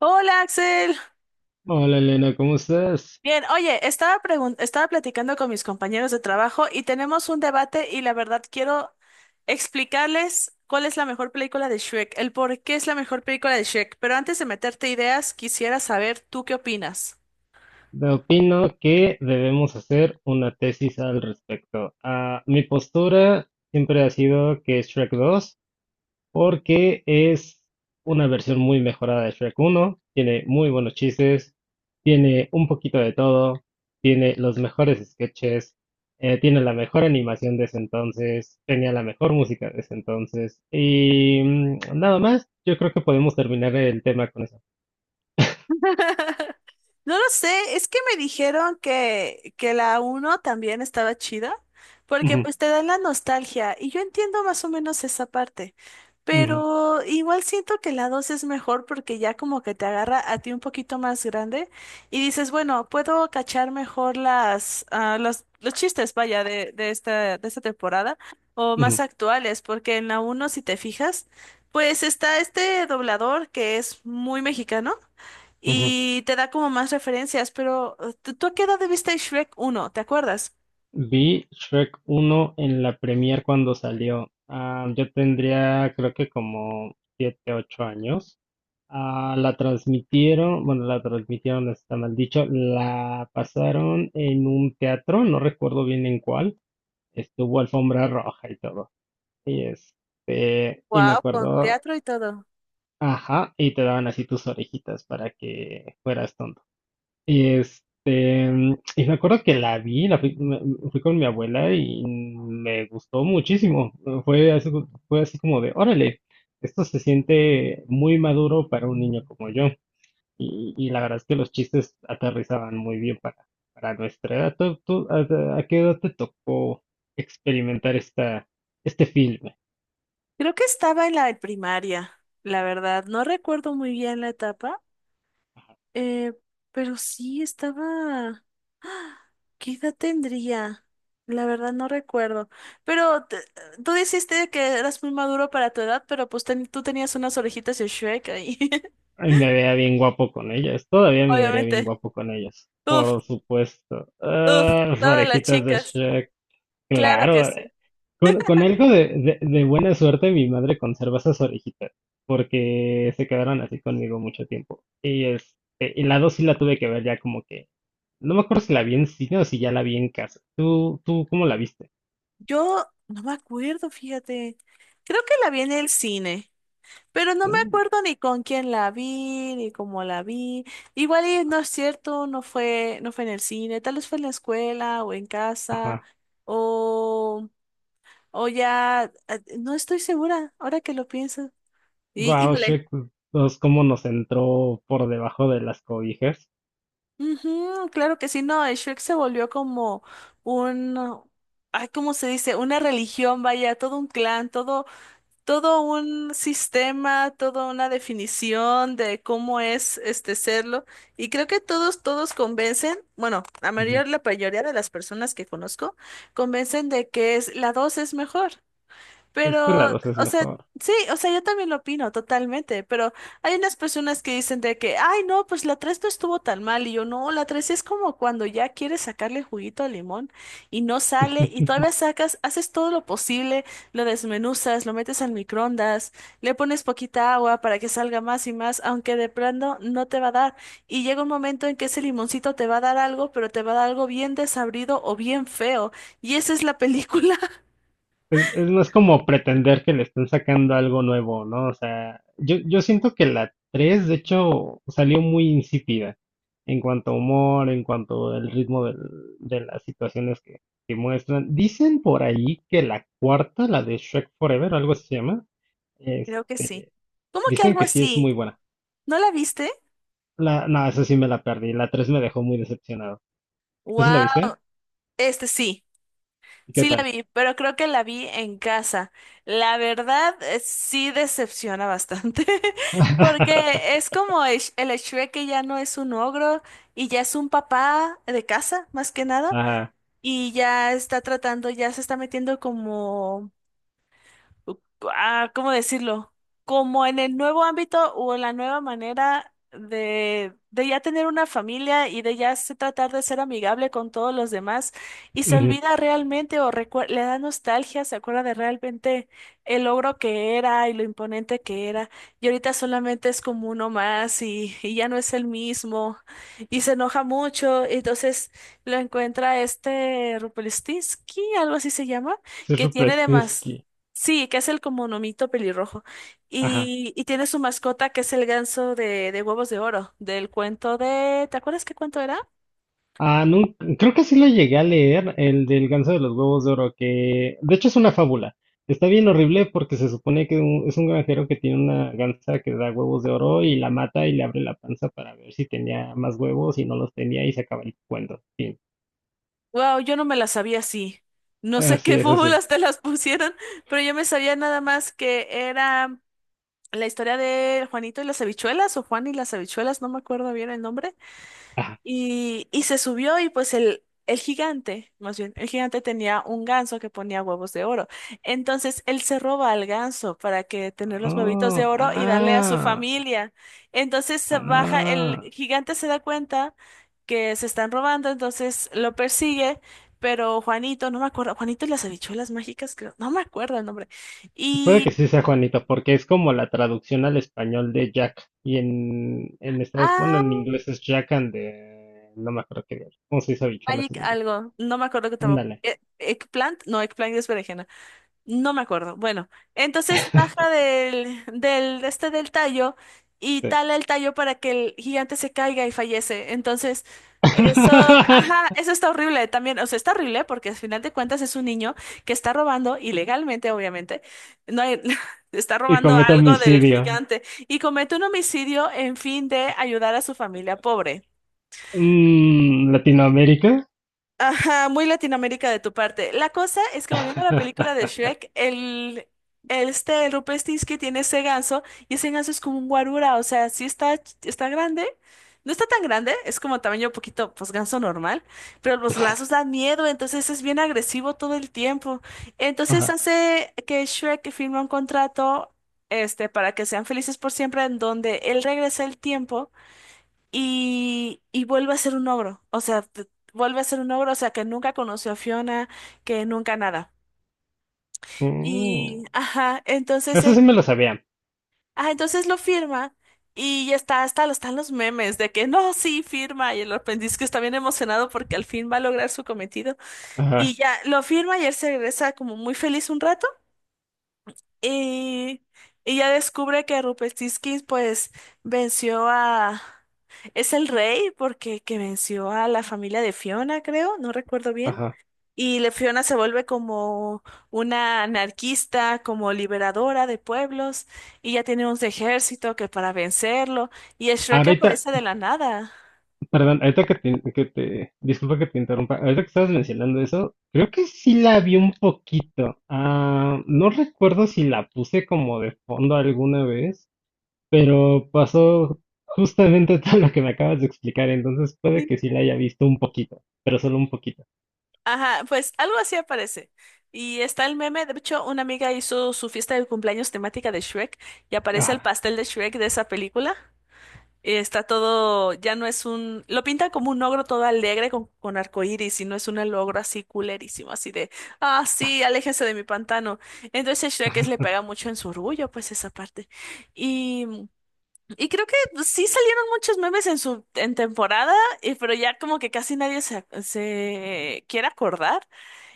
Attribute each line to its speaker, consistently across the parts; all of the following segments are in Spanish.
Speaker 1: Hola Axel.
Speaker 2: Hola Elena, ¿cómo estás?
Speaker 1: Bien, oye, estaba platicando con mis compañeros de trabajo y tenemos un debate y la verdad quiero explicarles cuál es la mejor película de Shrek, el por qué es la mejor película de Shrek, pero antes de meterte ideas, quisiera saber tú qué opinas.
Speaker 2: Te Opino que debemos hacer una tesis al respecto. Mi postura siempre ha sido que es Shrek 2, porque es una versión muy mejorada de Shrek uno. Tiene muy buenos chistes, tiene un poquito de todo, tiene los mejores sketches, tiene la mejor animación de ese entonces, tenía la mejor música de ese entonces y nada más, yo creo que podemos terminar el tema con eso.
Speaker 1: No lo sé, es que me dijeron que la uno también estaba chida, porque
Speaker 2: Ujú,
Speaker 1: pues te dan la nostalgia y yo entiendo más o menos esa parte,
Speaker 2: ujú,
Speaker 1: pero igual siento que la 2 es mejor porque ya como que te agarra a ti un poquito más grande y dices, bueno, puedo cachar mejor las, los chistes, vaya, de esta temporada o más
Speaker 2: ujú.
Speaker 1: actuales, porque en la uno si te fijas, pues está este doblador que es muy mexicano
Speaker 2: Ujú.
Speaker 1: y te da como más referencias, pero ¿tú a qué edad viste Shrek uno? ¿Te acuerdas?
Speaker 2: Vi Shrek 1 en la premier cuando salió. Ah, yo tendría creo que como 7 8 años. Ah, la transmitieron, bueno, la transmitieron, no está mal dicho, la pasaron en un teatro, no recuerdo bien en cuál. Estuvo alfombra roja y todo. Y este, y me
Speaker 1: Wow, con
Speaker 2: acuerdo,
Speaker 1: teatro y todo.
Speaker 2: ajá, y te daban así tus orejitas para que fueras. Y este, y me acuerdo que la vi, la fui, fui con mi abuela y me gustó muchísimo. Fue así como de, órale, esto se siente muy maduro para un niño como yo. Y la verdad es que los chistes aterrizaban muy bien para nuestra edad. ¿Tú, a qué edad te tocó experimentar esta, este filme?
Speaker 1: Creo que estaba en la primaria, la verdad. No recuerdo muy bien la etapa, eh, pero sí estaba. ¿Qué edad tendría? La verdad no recuerdo. Pero te- tú dijiste que eras muy maduro para tu edad, pero tú tenías unas orejitas de Shrek ahí.
Speaker 2: Ay, me veía bien guapo con ellas, todavía me vería bien
Speaker 1: Obviamente.
Speaker 2: guapo con ellas.
Speaker 1: Uf,
Speaker 2: Por supuesto.
Speaker 1: uf,
Speaker 2: Ah, las
Speaker 1: todas las
Speaker 2: orejitas de
Speaker 1: chicas.
Speaker 2: Shrek.
Speaker 1: Claro que
Speaker 2: Claro,
Speaker 1: sí.
Speaker 2: con algo de, de buena suerte mi madre conserva esas orejitas, porque se quedaron así conmigo mucho tiempo. Y este, y la dos sí la tuve que ver ya como que, no me acuerdo si la vi en cine o si ya la vi en casa. ¿Tú, tú cómo la viste?
Speaker 1: Yo no me acuerdo, fíjate. Creo que la vi en el cine, pero no me
Speaker 2: Uh,
Speaker 1: acuerdo ni con quién la vi, ni cómo la vi. Igual y no es cierto, no fue en el cine, tal vez fue en la escuela o en casa,
Speaker 2: ajá.
Speaker 1: o, o ya, no estoy segura, ahora que lo pienso. Y,
Speaker 2: Wow,
Speaker 1: híjole.
Speaker 2: Shrek 2, cómo nos entró por debajo de las cobijas.
Speaker 1: Ujú, claro que sí, no, el Shrek se volvió como un, ay, ¿cómo se dice? Una religión, vaya, todo un clan, todo un sistema, toda una definición de cómo es este serlo. Y creo que todos convencen, bueno,
Speaker 2: Ujú.
Speaker 1: la mayoría de las personas que conozco convencen de que es, la 2 es mejor.
Speaker 2: Es que la
Speaker 1: Pero,
Speaker 2: dos es
Speaker 1: o sea,
Speaker 2: mejor.
Speaker 1: sí, o sea, yo también lo opino totalmente, pero hay unas personas que dicen de que, ay, no, pues la 3 no estuvo tan mal, y yo, no, la 3 es como cuando ya quieres sacarle juguito al limón y no sale, y todavía sacas, haces todo lo posible, lo desmenuzas, lo metes al microondas, le pones poquita agua para que salga más y más, aunque de pronto no te va a dar, y llega un momento en que ese limoncito te va a dar algo, pero te va a dar algo bien desabrido o bien feo, y esa es la película.
Speaker 2: Es más como pretender que le están sacando algo nuevo, ¿no? O sea, yo siento que la 3 de hecho, salió muy insípida en cuanto a humor, en cuanto al ritmo de las situaciones que muestran. Dicen por ahí que la cuarta, la de Shrek Forever, algo así se llama,
Speaker 1: Creo que sí.
Speaker 2: este,
Speaker 1: ¿Cómo que
Speaker 2: dicen
Speaker 1: algo
Speaker 2: que sí es
Speaker 1: así?
Speaker 2: muy buena.
Speaker 1: ¿No la viste?
Speaker 2: La, no, esa sí me la perdí. La 3 me dejó muy decepcionado. ¿Tú sí la
Speaker 1: Wow,
Speaker 2: viste?
Speaker 1: este sí,
Speaker 2: ¿Y ¿qué
Speaker 1: sí la
Speaker 2: tal?
Speaker 1: vi, pero creo que la vi en casa. La verdad, sí decepciona bastante, porque es como el, el Shrek que ya no es un ogro y ya es un papá de casa, más que nada,
Speaker 2: Ajá.
Speaker 1: y ya está tratando, ya se está metiendo como ah, ¿cómo decirlo? Como en el nuevo ámbito o en la nueva manera de ya tener una familia y de ya se tratar de ser amigable con todos los demás y se
Speaker 2: Ujú,
Speaker 1: olvida realmente o le da nostalgia, se acuerda de realmente el logro que era y lo imponente que era y ahorita solamente es como uno más y ya no es el mismo y se enoja mucho, entonces lo encuentra este Rupelstinsky, algo así se llama,
Speaker 2: Sir
Speaker 1: que tiene
Speaker 2: Rupert
Speaker 1: demás.
Speaker 2: Snisky,
Speaker 1: Sí, que es el como nomito pelirrojo.
Speaker 2: ajá.
Speaker 1: Y tiene su mascota que es el ganso de huevos de oro, del cuento de... ¿Te acuerdas qué cuento era?
Speaker 2: Ah, creo que sí lo llegué a leer, el del ganso de los huevos de oro, que de hecho es una fábula. Está bien horrible porque se supone que es un granjero que tiene una gansa que da huevos de oro y la mata y le abre la panza para ver si tenía más huevos y no los tenía y se acaba el cuento. Fin.
Speaker 1: Wow, yo no me la sabía así. No sé qué
Speaker 2: Así es, así.
Speaker 1: fórmulas te las pusieron, pero yo me sabía nada más que era la historia de Juanito y las habichuelas o Juan y las habichuelas, no me acuerdo bien el nombre.
Speaker 2: Ah,
Speaker 1: Y se subió y pues el gigante, más bien, el gigante tenía un ganso que ponía huevos de oro. Entonces él se roba al ganso para que tener los huevitos de
Speaker 2: oh,
Speaker 1: oro y darle a su
Speaker 2: ah,
Speaker 1: familia. Entonces se baja, el
Speaker 2: ah.
Speaker 1: gigante se da cuenta que se están robando, entonces lo persigue, pero Juanito, no me acuerdo, Juanito y las habichuelas mágicas, creo, no me acuerdo el nombre.
Speaker 2: Puede que
Speaker 1: Y...
Speaker 2: sí sea Juanito, porque es como la traducción al español de Jack. Y en Estados bueno, en
Speaker 1: Ah,
Speaker 2: inglés es Jack and No me acuerdo qué. ¿Cómo se dice habichuelas
Speaker 1: Magic
Speaker 2: en inglés?
Speaker 1: algo, no me acuerdo que tampoco.
Speaker 2: Ándale.
Speaker 1: Eggplant, no, eggplant es berenjena. No me acuerdo. Bueno, entonces baja este del tallo y
Speaker 2: Sí.
Speaker 1: tala el tallo para que el gigante se caiga y fallece. Entonces, eso, ajá, eso está horrible también. O sea, está horrible porque al final de cuentas es un niño que está robando ilegalmente, obviamente. No hay- está
Speaker 2: Y
Speaker 1: robando
Speaker 2: comete
Speaker 1: algo del
Speaker 2: homicidio.
Speaker 1: gigante y comete un homicidio en fin de ayudar a su familia pobre.
Speaker 2: Mm, ¿Latinoamérica?
Speaker 1: Ajá, muy Latinoamérica de tu parte. La cosa es que volviendo a la película de Shrek, el este, el Rupestinski tiene ese ganso y ese ganso es como un guarura, o sea, sí está, está grande. No está tan grande, es como tamaño poquito, pues ganso normal, pero los lazos dan miedo, entonces es bien agresivo todo el tiempo. Entonces
Speaker 2: Ajá.
Speaker 1: hace que Shrek firme un contrato, este, para que sean felices por siempre, en donde él regresa el tiempo y vuelve a ser un ogro. O sea, vuelve a ser un ogro, o sea, que nunca conoció a Fiona, que nunca nada. Y,
Speaker 2: Mm,
Speaker 1: ajá, entonces
Speaker 2: eso sí
Speaker 1: él,
Speaker 2: me lo sabía.
Speaker 1: ah, entonces lo firma y ya está, están los memes de que no, sí, firma. Y el aprendiz que está bien emocionado porque al fin va a lograr su cometido. Y
Speaker 2: Ajá,
Speaker 1: ya lo firma y él se regresa como muy feliz un rato. Y ella descubre que Rupestisky pues venció a... Es el rey porque que venció a la familia de Fiona, creo, no recuerdo bien.
Speaker 2: ajá.
Speaker 1: Y Fiona se vuelve como una anarquista, como liberadora de pueblos, y ya tiene un ejército que para vencerlo, y Shrek
Speaker 2: Ahorita,
Speaker 1: aparece de la nada.
Speaker 2: perdón, ahorita que te, disculpa que te interrumpa, ahorita que estabas mencionando eso, creo que sí la vi un poquito. Ah, no recuerdo si la puse como de fondo alguna vez, pero pasó justamente todo lo que me acabas de explicar, entonces puede que sí la haya visto un poquito, pero solo un poquito.
Speaker 1: Ajá, pues algo así aparece. Y está el meme, de hecho, una amiga hizo su fiesta de cumpleaños temática de Shrek y aparece el
Speaker 2: Ah,
Speaker 1: pastel de Shrek de esa película. Y está todo, ya no es un, lo pintan como un ogro todo alegre con arcoíris y no es un ogro así culerísimo, así de, ah, sí, aléjense de mi pantano. Entonces le pega mucho en su orgullo, pues esa parte. Y, y creo que pues, sí salieron muchos memes en su, en temporada, pero ya como que casi nadie se quiere acordar.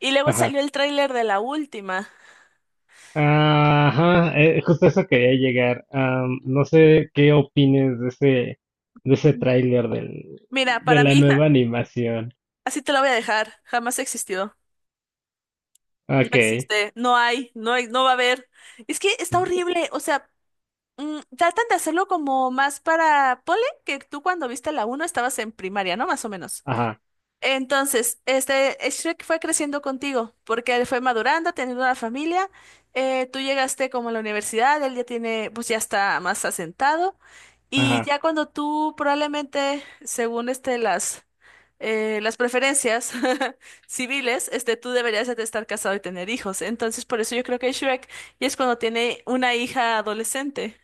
Speaker 1: Y luego salió
Speaker 2: ajá.
Speaker 1: el tráiler de la última.
Speaker 2: Ajá, justo a eso quería llegar. No sé qué opines de ese tráiler del,
Speaker 1: Mira,
Speaker 2: de
Speaker 1: para
Speaker 2: la
Speaker 1: mí,
Speaker 2: nueva animación.
Speaker 1: así te la voy a dejar. Jamás existió. No
Speaker 2: Ok.
Speaker 1: existe. No hay. No hay. No va a haber. Es que está horrible. O sea, tratan de hacerlo como más para... Ponle que tú cuando viste la uno estabas en primaria, ¿no? Más o menos.
Speaker 2: Ajá,
Speaker 1: Entonces, este, Shrek fue creciendo contigo, porque él fue madurando, teniendo una familia. Tú llegaste como a la universidad, él ya tiene, pues ya está más asentado. Y
Speaker 2: ajá.
Speaker 1: ya cuando tú probablemente, según este, las preferencias civiles, este, tú deberías de estar casado y tener hijos. Entonces, por eso yo creo que Shrek y es cuando tiene una hija adolescente.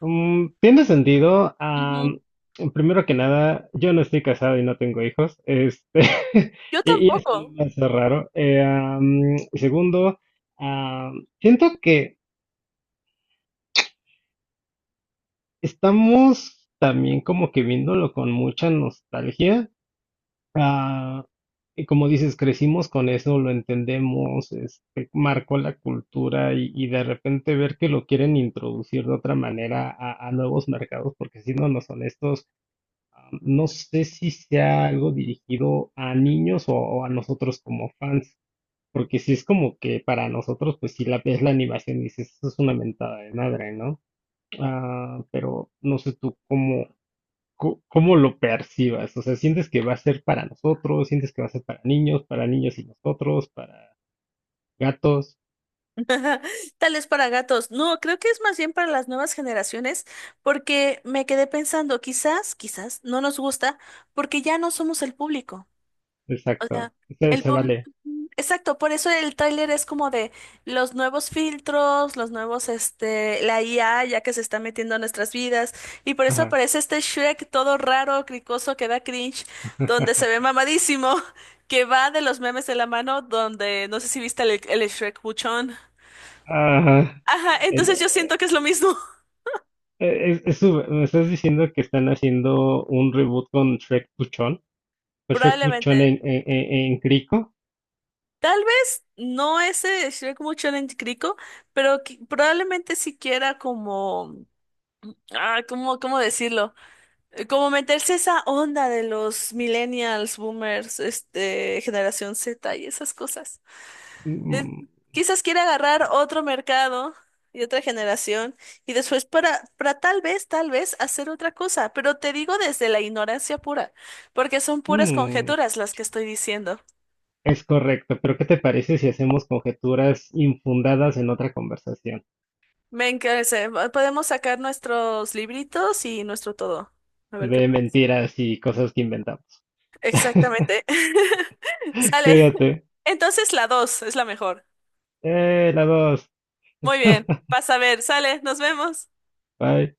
Speaker 2: Mm, tiene sentido.
Speaker 1: Ujú.
Speaker 2: Primero que nada, yo no estoy casado y no tengo hijos. Este,
Speaker 1: Yo
Speaker 2: y eso no
Speaker 1: tampoco.
Speaker 2: me hace raro. Segundo, siento que estamos también como que viéndolo con mucha nostalgia. Ah, y como dices, crecimos con eso, lo entendemos, este, marcó la cultura y de repente ver que lo quieren introducir de otra manera a nuevos mercados, porque siéndonos honestos. No sé si sea algo dirigido a niños o a nosotros como fans, porque si es como que para nosotros, pues si la ves la animación y dices, eso es una mentada de madre, ¿no? Pero no sé tú cómo, cómo lo percibas, o sea, ¿sientes que va a ser para nosotros? ¿Sientes que va a ser para niños y nosotros, para gatos?
Speaker 1: Tal es para gatos. No, creo que es más bien para las nuevas generaciones, porque me quedé pensando, quizás no nos gusta, porque ya no somos el público. O sea,
Speaker 2: Exacto, se,
Speaker 1: el
Speaker 2: se
Speaker 1: público.
Speaker 2: vale.
Speaker 1: Exacto, por eso el tráiler es como de los nuevos filtros, los nuevos, este, la IA ya que se está metiendo a nuestras vidas, y por eso
Speaker 2: Ajá.
Speaker 1: aparece este Shrek todo raro, cricoso, que da cringe, donde se ve mamadísimo, que va de los memes de la mano, donde no sé si viste el Shrek buchón.
Speaker 2: Ajá.
Speaker 1: Ajá, entonces yo siento que es lo mismo,
Speaker 2: Es, me estás diciendo que están haciendo un reboot con Shrek Puchón
Speaker 1: probablemente.
Speaker 2: en, en Crico.
Speaker 1: Tal vez no ese Shrek mucho en Crico, pero probablemente siquiera como, ah, ¿cómo, cómo decirlo? Como meterse esa onda de los millennials, boomers, este, generación Z y esas cosas. eh,
Speaker 2: Mm,
Speaker 1: Quizás quiera agarrar otro mercado y otra generación y después para, tal vez hacer otra cosa, pero te digo desde la ignorancia pura, porque son puras
Speaker 2: mm,
Speaker 1: conjeturas las que estoy diciendo.
Speaker 2: es correcto, pero ¿qué te parece si hacemos conjeturas infundadas en otra conversación?
Speaker 1: Me encarece, podemos sacar nuestros libritos y nuestro todo. A ver qué
Speaker 2: De
Speaker 1: pasa.
Speaker 2: mentiras y cosas que inventamos.
Speaker 1: Exactamente. Sale.
Speaker 2: Cuídate.
Speaker 1: Entonces la dos es la mejor.
Speaker 2: La dos.
Speaker 1: Muy bien. Pasa a ver. Sale. Nos vemos.
Speaker 2: Bye.